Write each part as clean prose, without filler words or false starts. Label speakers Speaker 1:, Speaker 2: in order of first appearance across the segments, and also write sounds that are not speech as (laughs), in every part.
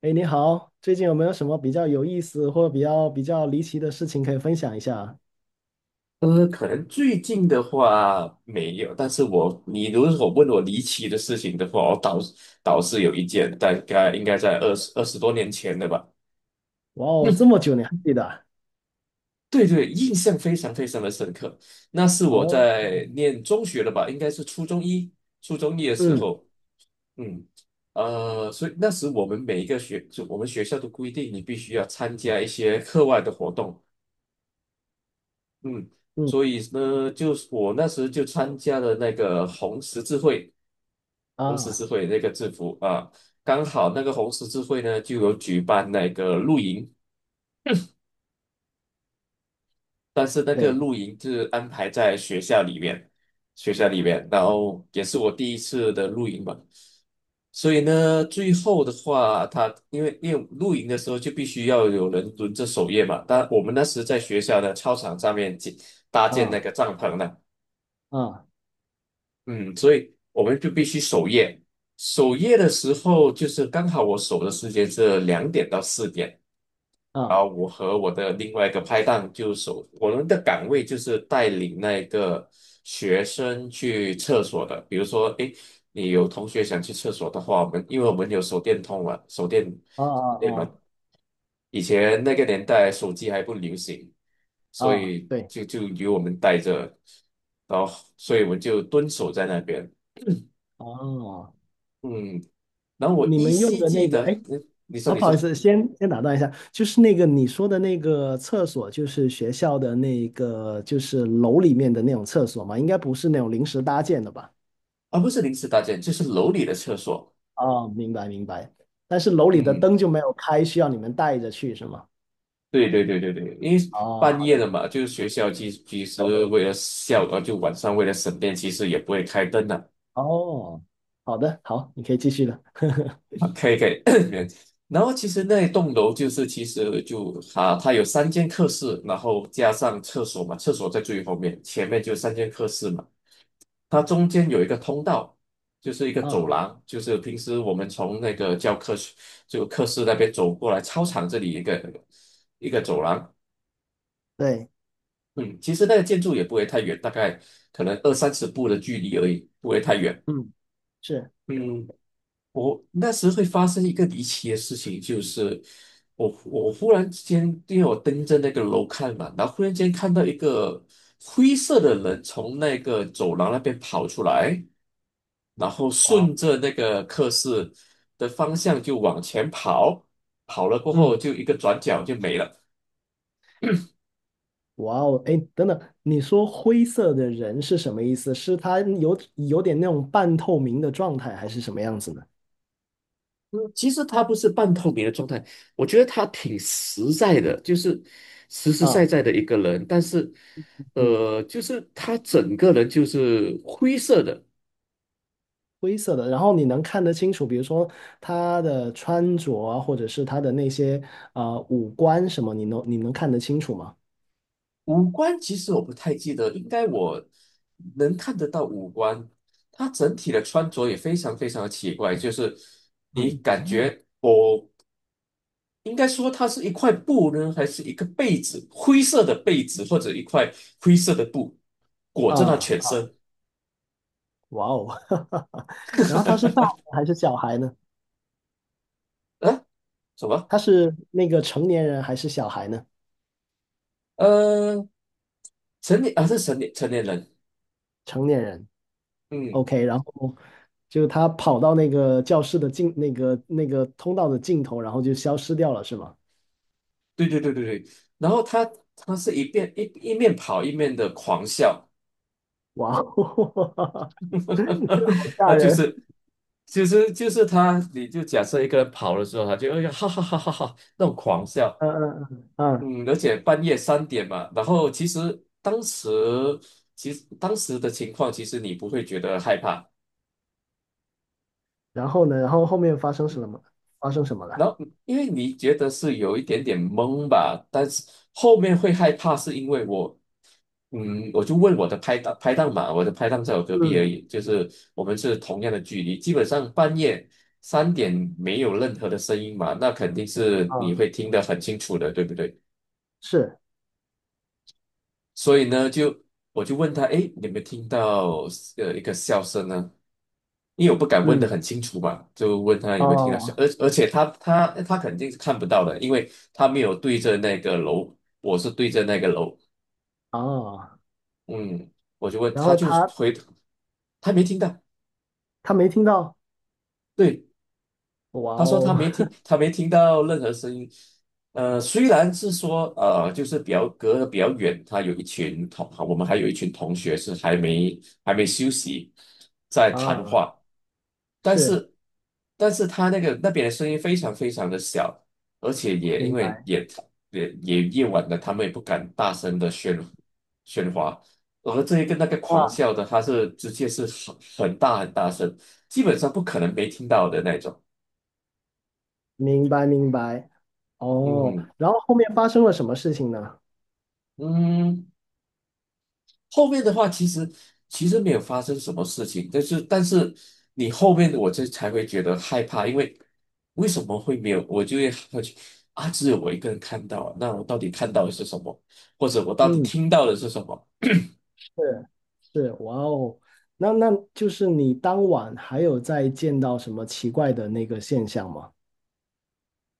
Speaker 1: 哎，你好，最近有没有什么比较有意思或者比较离奇的事情可以分享一下？
Speaker 2: 可能最近的话没有，但是你如果问我离奇的事情的话，我倒是有一件，大概应该在20多年前的吧。
Speaker 1: 哇哦，这
Speaker 2: 嗯，
Speaker 1: 么久你还记得啊。
Speaker 2: 对对，印象非常非常的深刻。那是我
Speaker 1: 哦。
Speaker 2: 在念中学了吧，应该是初中一的时
Speaker 1: 嗯
Speaker 2: 候。嗯，所以那时我们每一个学，就我们学校都规定你必须要参加一些课外的活动。嗯，
Speaker 1: 嗯。
Speaker 2: 所以呢，就是我那时就参加了那个红十字会，红十
Speaker 1: 啊，
Speaker 2: 字会那个制服啊，刚好那个红十字会呢就有举办那个露营，但是那个
Speaker 1: 对。
Speaker 2: 露营是安排在学校里面，然后也是我第一次的露营吧。所以呢，最后的话，他因为露营的时候就必须要有人轮着守夜嘛，但我们那时在学校的操场上面搭建那
Speaker 1: 啊
Speaker 2: 个帐篷呢。
Speaker 1: 啊
Speaker 2: 嗯，所以我们就必须守夜。守夜的时候，就是刚好我守的时间是2点到4点，然
Speaker 1: 啊
Speaker 2: 后我和我的另外一个拍档就守，我们的岗位就是带领那个学生去厕所的。比如说，诶，你有同学想去厕所的话，我们因为我们有手电筒嘛，手电
Speaker 1: 啊啊
Speaker 2: 手电嘛，
Speaker 1: 啊
Speaker 2: 以前那个年代手机还不流行，所
Speaker 1: 啊，
Speaker 2: 以
Speaker 1: 对。
Speaker 2: 就由我们带着，然后所以我们就蹲守在那边。
Speaker 1: 哦，
Speaker 2: 嗯，然后我
Speaker 1: 你
Speaker 2: 依
Speaker 1: 们用
Speaker 2: 稀
Speaker 1: 的
Speaker 2: 记
Speaker 1: 那个，
Speaker 2: 得，
Speaker 1: 哎，
Speaker 2: 你说
Speaker 1: 好，
Speaker 2: 你
Speaker 1: 不好
Speaker 2: 说
Speaker 1: 意思，先打断一下，就是那个你说的那个厕所，就是学校的那个，就是楼里面的那种厕所嘛，应该不是那种临时搭建的吧？
Speaker 2: 啊，不是临时搭建，就是楼里的厕所。
Speaker 1: 哦，明白明白。但是楼里的
Speaker 2: 嗯，
Speaker 1: 灯就没有开，需要你们带着去是吗？
Speaker 2: 对对对对对，因为
Speaker 1: 哦，
Speaker 2: 半夜了嘛，就是学校其实为了校，呃，就晚上为了省电，其实也不会开灯的。
Speaker 1: 好哦，好的，好，你可以继续了。
Speaker 2: 啊，可以可以。(coughs) 然后其实那一栋楼就是其实它有三间课室，然后加上厕所嘛，厕所在最后面，前面就三间课室嘛。它中间有一个通道，就是一个走
Speaker 1: 啊、
Speaker 2: 廊，就是平时我们从那个教科书就课室那边走过来，操场这里一个走廊。
Speaker 1: 对，
Speaker 2: 嗯，其实那个建筑也不会太远，大概可能二三十步的距离而已，不会太远。
Speaker 1: 嗯，是，
Speaker 2: 嗯，我那时会发生一个离奇的事情，就是我忽然之间，因为我盯着那个楼看嘛，然后忽然间看到一个灰色的人从那个走廊那边跑出来，然后
Speaker 1: 哇哦，
Speaker 2: 顺着那个课室的方向就往前跑，跑了过后
Speaker 1: 嗯，
Speaker 2: 就一个转角就没了。
Speaker 1: 哇哦，哎，等等，你说灰色的人是什么意思？是他有点那种半透明的状态，还是什么样子呢？
Speaker 2: 嗯，其实他不是半透明的状态，我觉得他挺实在的，就是实实在
Speaker 1: 啊，
Speaker 2: 在的一个人，但是，
Speaker 1: 嗯，
Speaker 2: 呃，就是他整个人就是灰色的。
Speaker 1: 灰色的，然后你能看得清楚，比如说他的穿着啊，或者是他的那些呃五官什么，你能看得清楚吗？
Speaker 2: 五官其实我不太记得，应该我能看得到五官。他整体的穿着也非常非常的奇怪，就是你
Speaker 1: 嗯。
Speaker 2: 感觉我应该说它是一块布呢，还是一个被子，灰色的被子或者一块灰色的布裹着他
Speaker 1: 啊
Speaker 2: 全
Speaker 1: 啊。
Speaker 2: 身。
Speaker 1: 哇哦，(laughs) 然后他是大人还是小孩呢？
Speaker 2: 啊？什么？
Speaker 1: 他是那个成年人还是小孩呢？
Speaker 2: 呃，成年啊是成年人。
Speaker 1: 成年人
Speaker 2: 嗯，
Speaker 1: ，OK。然后就他跑到那个教室的尽那个那个通道的尽头，然后就消失掉了，是吗？
Speaker 2: 对对对对对，然后他是一面跑一面的狂笑。
Speaker 1: 哇哦，(laughs) 好
Speaker 2: (laughs) 他
Speaker 1: 吓
Speaker 2: 就
Speaker 1: 人！
Speaker 2: 是其实就是他，你就假设一个人跑的时候，他就哎呀哈哈哈哈哈那种狂笑。
Speaker 1: 嗯嗯嗯嗯。
Speaker 2: 嗯，而且半夜三点嘛。然后其实当时的情况，其实你不会觉得害怕。
Speaker 1: 然后呢？然后后面发生什么？发生什么了？
Speaker 2: 然后因为你觉得是有一点点懵吧，但是后面会害怕，是因为我，我就问我的拍档嘛，我的拍档在我隔壁而
Speaker 1: 嗯。
Speaker 2: 已，就是我们是同样的距离，基本上半夜三点没有任何的声音嘛，那肯定是你
Speaker 1: 啊，
Speaker 2: 会听得很清楚的，对不对？
Speaker 1: 是。
Speaker 2: 所以呢，我就问他，诶，你有没有听到一个笑声呢？因为我不敢问得
Speaker 1: 嗯。
Speaker 2: 很清楚嘛，就问他有没有听到声，
Speaker 1: 哦
Speaker 2: 而且他肯定是看不到的，因为他没有对着那个楼，我是对着那个楼。
Speaker 1: 哦。
Speaker 2: 嗯，我就问
Speaker 1: 然
Speaker 2: 他，
Speaker 1: 后他
Speaker 2: 回，他没听到。
Speaker 1: 他没听到。
Speaker 2: 对，
Speaker 1: 哇
Speaker 2: 他说他
Speaker 1: 哦
Speaker 2: 没听，他没听到任何声音。呃，虽然是说就是比较隔得比较远，他有一群同，我们还有一群同学是还没休息在
Speaker 1: (laughs)
Speaker 2: 谈
Speaker 1: 啊，
Speaker 2: 话。但
Speaker 1: 是。
Speaker 2: 是，但是他那个那边的声音非常非常的小，而且也因
Speaker 1: 明
Speaker 2: 为
Speaker 1: 白。
Speaker 2: 也夜晚的，他们也不敢大声的喧哗。而这一个那个狂
Speaker 1: 啊。
Speaker 2: 笑的，他是直接是很大很大声，基本上不可能没听到的那种。
Speaker 1: 明白明白。哦，
Speaker 2: 嗯
Speaker 1: 然后后面发生了什么事情呢？
Speaker 2: 嗯，后面的话其实没有发生什么事情，但是你后面的我这才会觉得害怕，因为为什么会没有？我就会去啊，只有我一个人看到啊，那我到底看到的是什么，或者我到底
Speaker 1: 嗯，
Speaker 2: 听到的是什么？
Speaker 1: 是是，哇哦，那那就是你当晚还有再见到什么奇怪的那个现象吗？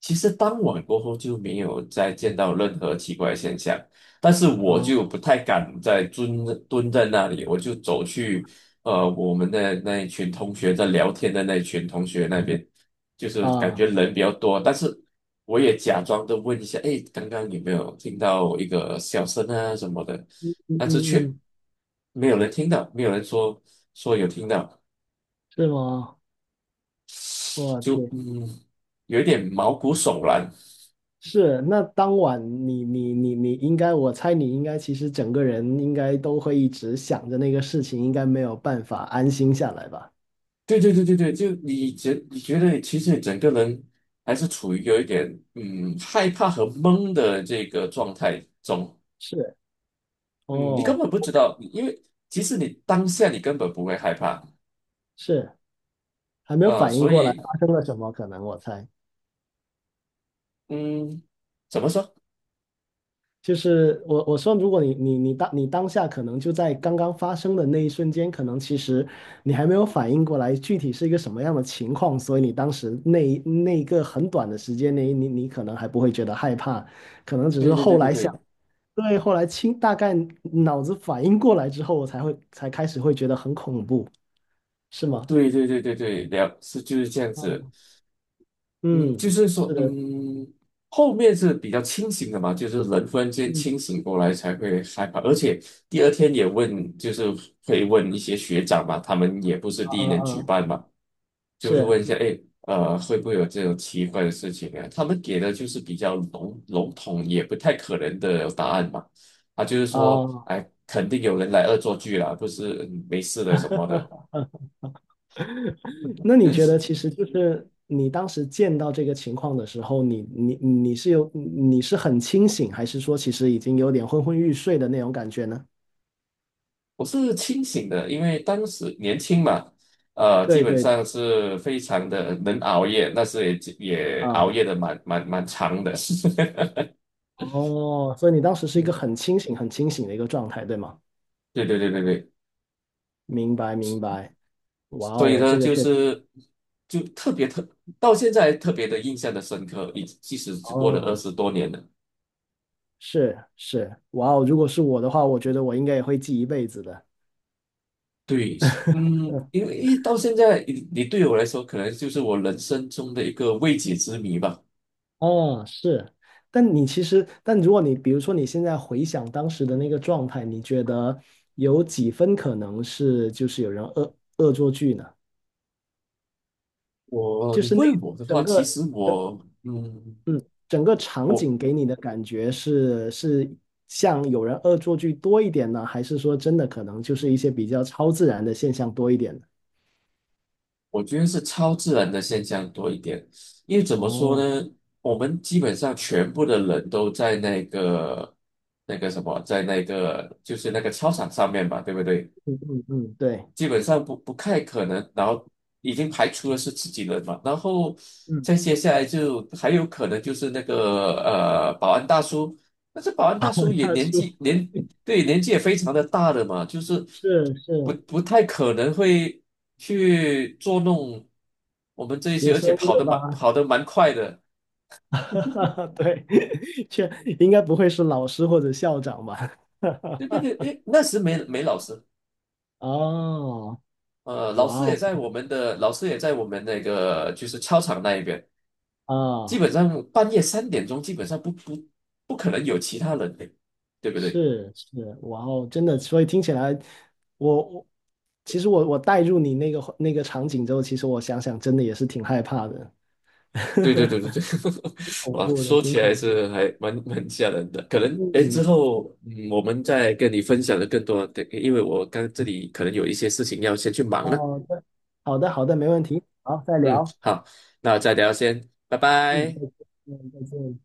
Speaker 2: 其实当晚过后就没有再见到任何奇怪现象，但是我就
Speaker 1: 啊
Speaker 2: 不太敢再蹲在那里，我就走去我们的那一群同学在聊天的那一群同学那边，就是感
Speaker 1: 啊，
Speaker 2: 觉人比较多，但是我也假装的问一下，哎，刚刚有没有听到一个笑声啊什么的，
Speaker 1: 嗯
Speaker 2: 但是
Speaker 1: 嗯
Speaker 2: 却
Speaker 1: 嗯，
Speaker 2: 没有人听到，没有人说说有听到，
Speaker 1: 是吗？我
Speaker 2: 就
Speaker 1: 去，
Speaker 2: 有一点毛骨悚然。
Speaker 1: 是，那当晚你应该，我猜你应该其实整个人应该都会一直想着那个事情，应该没有办法安心下来吧？
Speaker 2: 对对对对对，就你觉得其实整个人还是处于有一点害怕和懵的这个状态中。
Speaker 1: 是，
Speaker 2: 嗯，你根
Speaker 1: 哦，
Speaker 2: 本不知道，因为其实你当下你根本不会害怕。
Speaker 1: 是，还没有反应
Speaker 2: 所
Speaker 1: 过来
Speaker 2: 以
Speaker 1: 发生了什么，可能我猜。
Speaker 2: 嗯，怎么说？
Speaker 1: 就是我说，如果你当你当下可能就在刚刚发生的那一瞬间，可能其实你还没有反应过来具体是一个什么样的情况，所以你当时那一个很短的时间内，你可能还不会觉得害怕，可能只
Speaker 2: 对
Speaker 1: 是
Speaker 2: 对对
Speaker 1: 后
Speaker 2: 对
Speaker 1: 来想，
Speaker 2: 对
Speaker 1: 对，后来清大概脑子反应过来之后，我才开始会觉得很恐怖，是吗？
Speaker 2: 对对对对对，是就是这样子。
Speaker 1: 嗯，
Speaker 2: 嗯，就
Speaker 1: 嗯
Speaker 2: 是说，
Speaker 1: 是的，
Speaker 2: 后面是比较清醒的嘛，就是人忽然间
Speaker 1: 嗯。
Speaker 2: 清醒过来才会害怕，而且第二天也问，就是会问一些学长嘛，他们也不是
Speaker 1: 啊
Speaker 2: 第一
Speaker 1: 啊
Speaker 2: 年举
Speaker 1: 啊，
Speaker 2: 办嘛，就是
Speaker 1: 是
Speaker 2: 问一下，哎，会不会有这种奇怪的事情啊？他们给的就是比较统，也不太可能的答案嘛。啊，就是说，
Speaker 1: 啊。
Speaker 2: 哎，肯定有人来恶作剧啦，不是没事的什么的。
Speaker 1: (laughs) 那你觉得，其实就是你当时见到这个情况的时候，你是有你是很清醒，还是说其实已经有点昏昏欲睡的那种感觉呢？
Speaker 2: 我是清醒的，因为当时年轻嘛，呃，基
Speaker 1: 对
Speaker 2: 本
Speaker 1: 对。
Speaker 2: 上是非常的能熬夜，那时也熬
Speaker 1: 啊，
Speaker 2: 夜的蛮长的。(laughs)
Speaker 1: 哦，所以你当时是一个很清醒、很清醒的一个状态，对吗？
Speaker 2: 对对对对对，
Speaker 1: 明白明白，哇
Speaker 2: 所以
Speaker 1: 哦，
Speaker 2: 呢，
Speaker 1: 这个
Speaker 2: 就
Speaker 1: 确实，
Speaker 2: 是就特别到现在特别的印象的深刻，即使只过了二
Speaker 1: 哦，
Speaker 2: 十多年了。
Speaker 1: 是是，哇哦，如果是我的话，我觉得我应该也会记一辈子的。
Speaker 2: 对，嗯，因为一到现在，对我来说，可能就是我人生中的一个未解之谜吧。
Speaker 1: 哦，是，但你其实，但如果你比如说你现在回想当时的那个状态，你觉得有几分可能是就是有人恶作剧呢？
Speaker 2: 我，
Speaker 1: 就
Speaker 2: 你
Speaker 1: 是那
Speaker 2: 问我的话，
Speaker 1: 整
Speaker 2: 其
Speaker 1: 个
Speaker 2: 实
Speaker 1: 的，
Speaker 2: 我，嗯。
Speaker 1: 嗯，整个场
Speaker 2: 我。
Speaker 1: 景给你的感觉是是像有人恶作剧多一点呢，还是说真的可能就是一些比较超自然的现象多一点呢？
Speaker 2: 我觉得是超自然的现象多一点，因为怎么说
Speaker 1: 哦，
Speaker 2: 呢，我们基本上全部的人都在那个那个什么，在那个就是那个操场上面吧，对不对？
Speaker 1: 嗯嗯，对，
Speaker 2: 基本上不太可能，然后已经排除了是自己人嘛，然后
Speaker 1: 嗯，
Speaker 2: 再接下来就还有可能就是那个保安大叔，但是保安大叔
Speaker 1: (laughs)
Speaker 2: 也
Speaker 1: 大
Speaker 2: 年
Speaker 1: 叔
Speaker 2: 纪年对，年纪也非常的大了嘛，就是
Speaker 1: 是
Speaker 2: 不
Speaker 1: 是
Speaker 2: 不太可能会去捉弄我们这一
Speaker 1: 学
Speaker 2: 些，而
Speaker 1: 生
Speaker 2: 且
Speaker 1: 对吧？
Speaker 2: 跑得蛮快的。
Speaker 1: (laughs) 对，(laughs) 确应该不会是老师或者校长吧？
Speaker 2: 对对对，
Speaker 1: (laughs)
Speaker 2: 诶，那时没老师，
Speaker 1: 哦，
Speaker 2: 老
Speaker 1: 哇
Speaker 2: 师也
Speaker 1: 哦，
Speaker 2: 在我们的老师也在我们那个就是操场那一边。基
Speaker 1: 啊，
Speaker 2: 本上半夜3点钟基本上不可能有其他人的，对不对？
Speaker 1: 是是，哇哦，真的，所以听起来，我其实我带入你那个那个场景之后，其实我想想，真的也是挺害怕的，
Speaker 2: 对对对对
Speaker 1: (laughs)
Speaker 2: 对，(laughs)
Speaker 1: 恐
Speaker 2: 哇，
Speaker 1: 怖的，
Speaker 2: 说
Speaker 1: 挺
Speaker 2: 起
Speaker 1: 恐
Speaker 2: 来
Speaker 1: 怖的。
Speaker 2: 是还蛮吓人的。可能哎，之
Speaker 1: 嗯，
Speaker 2: 后我们再跟你分享的更多的，因为我刚这里可能有一些事情要先去忙了。
Speaker 1: 好的，好的，好的，没问题，好，再
Speaker 2: 嗯，
Speaker 1: 聊，
Speaker 2: 好，那再聊先，拜
Speaker 1: 嗯，
Speaker 2: 拜。
Speaker 1: 再见，嗯，再见。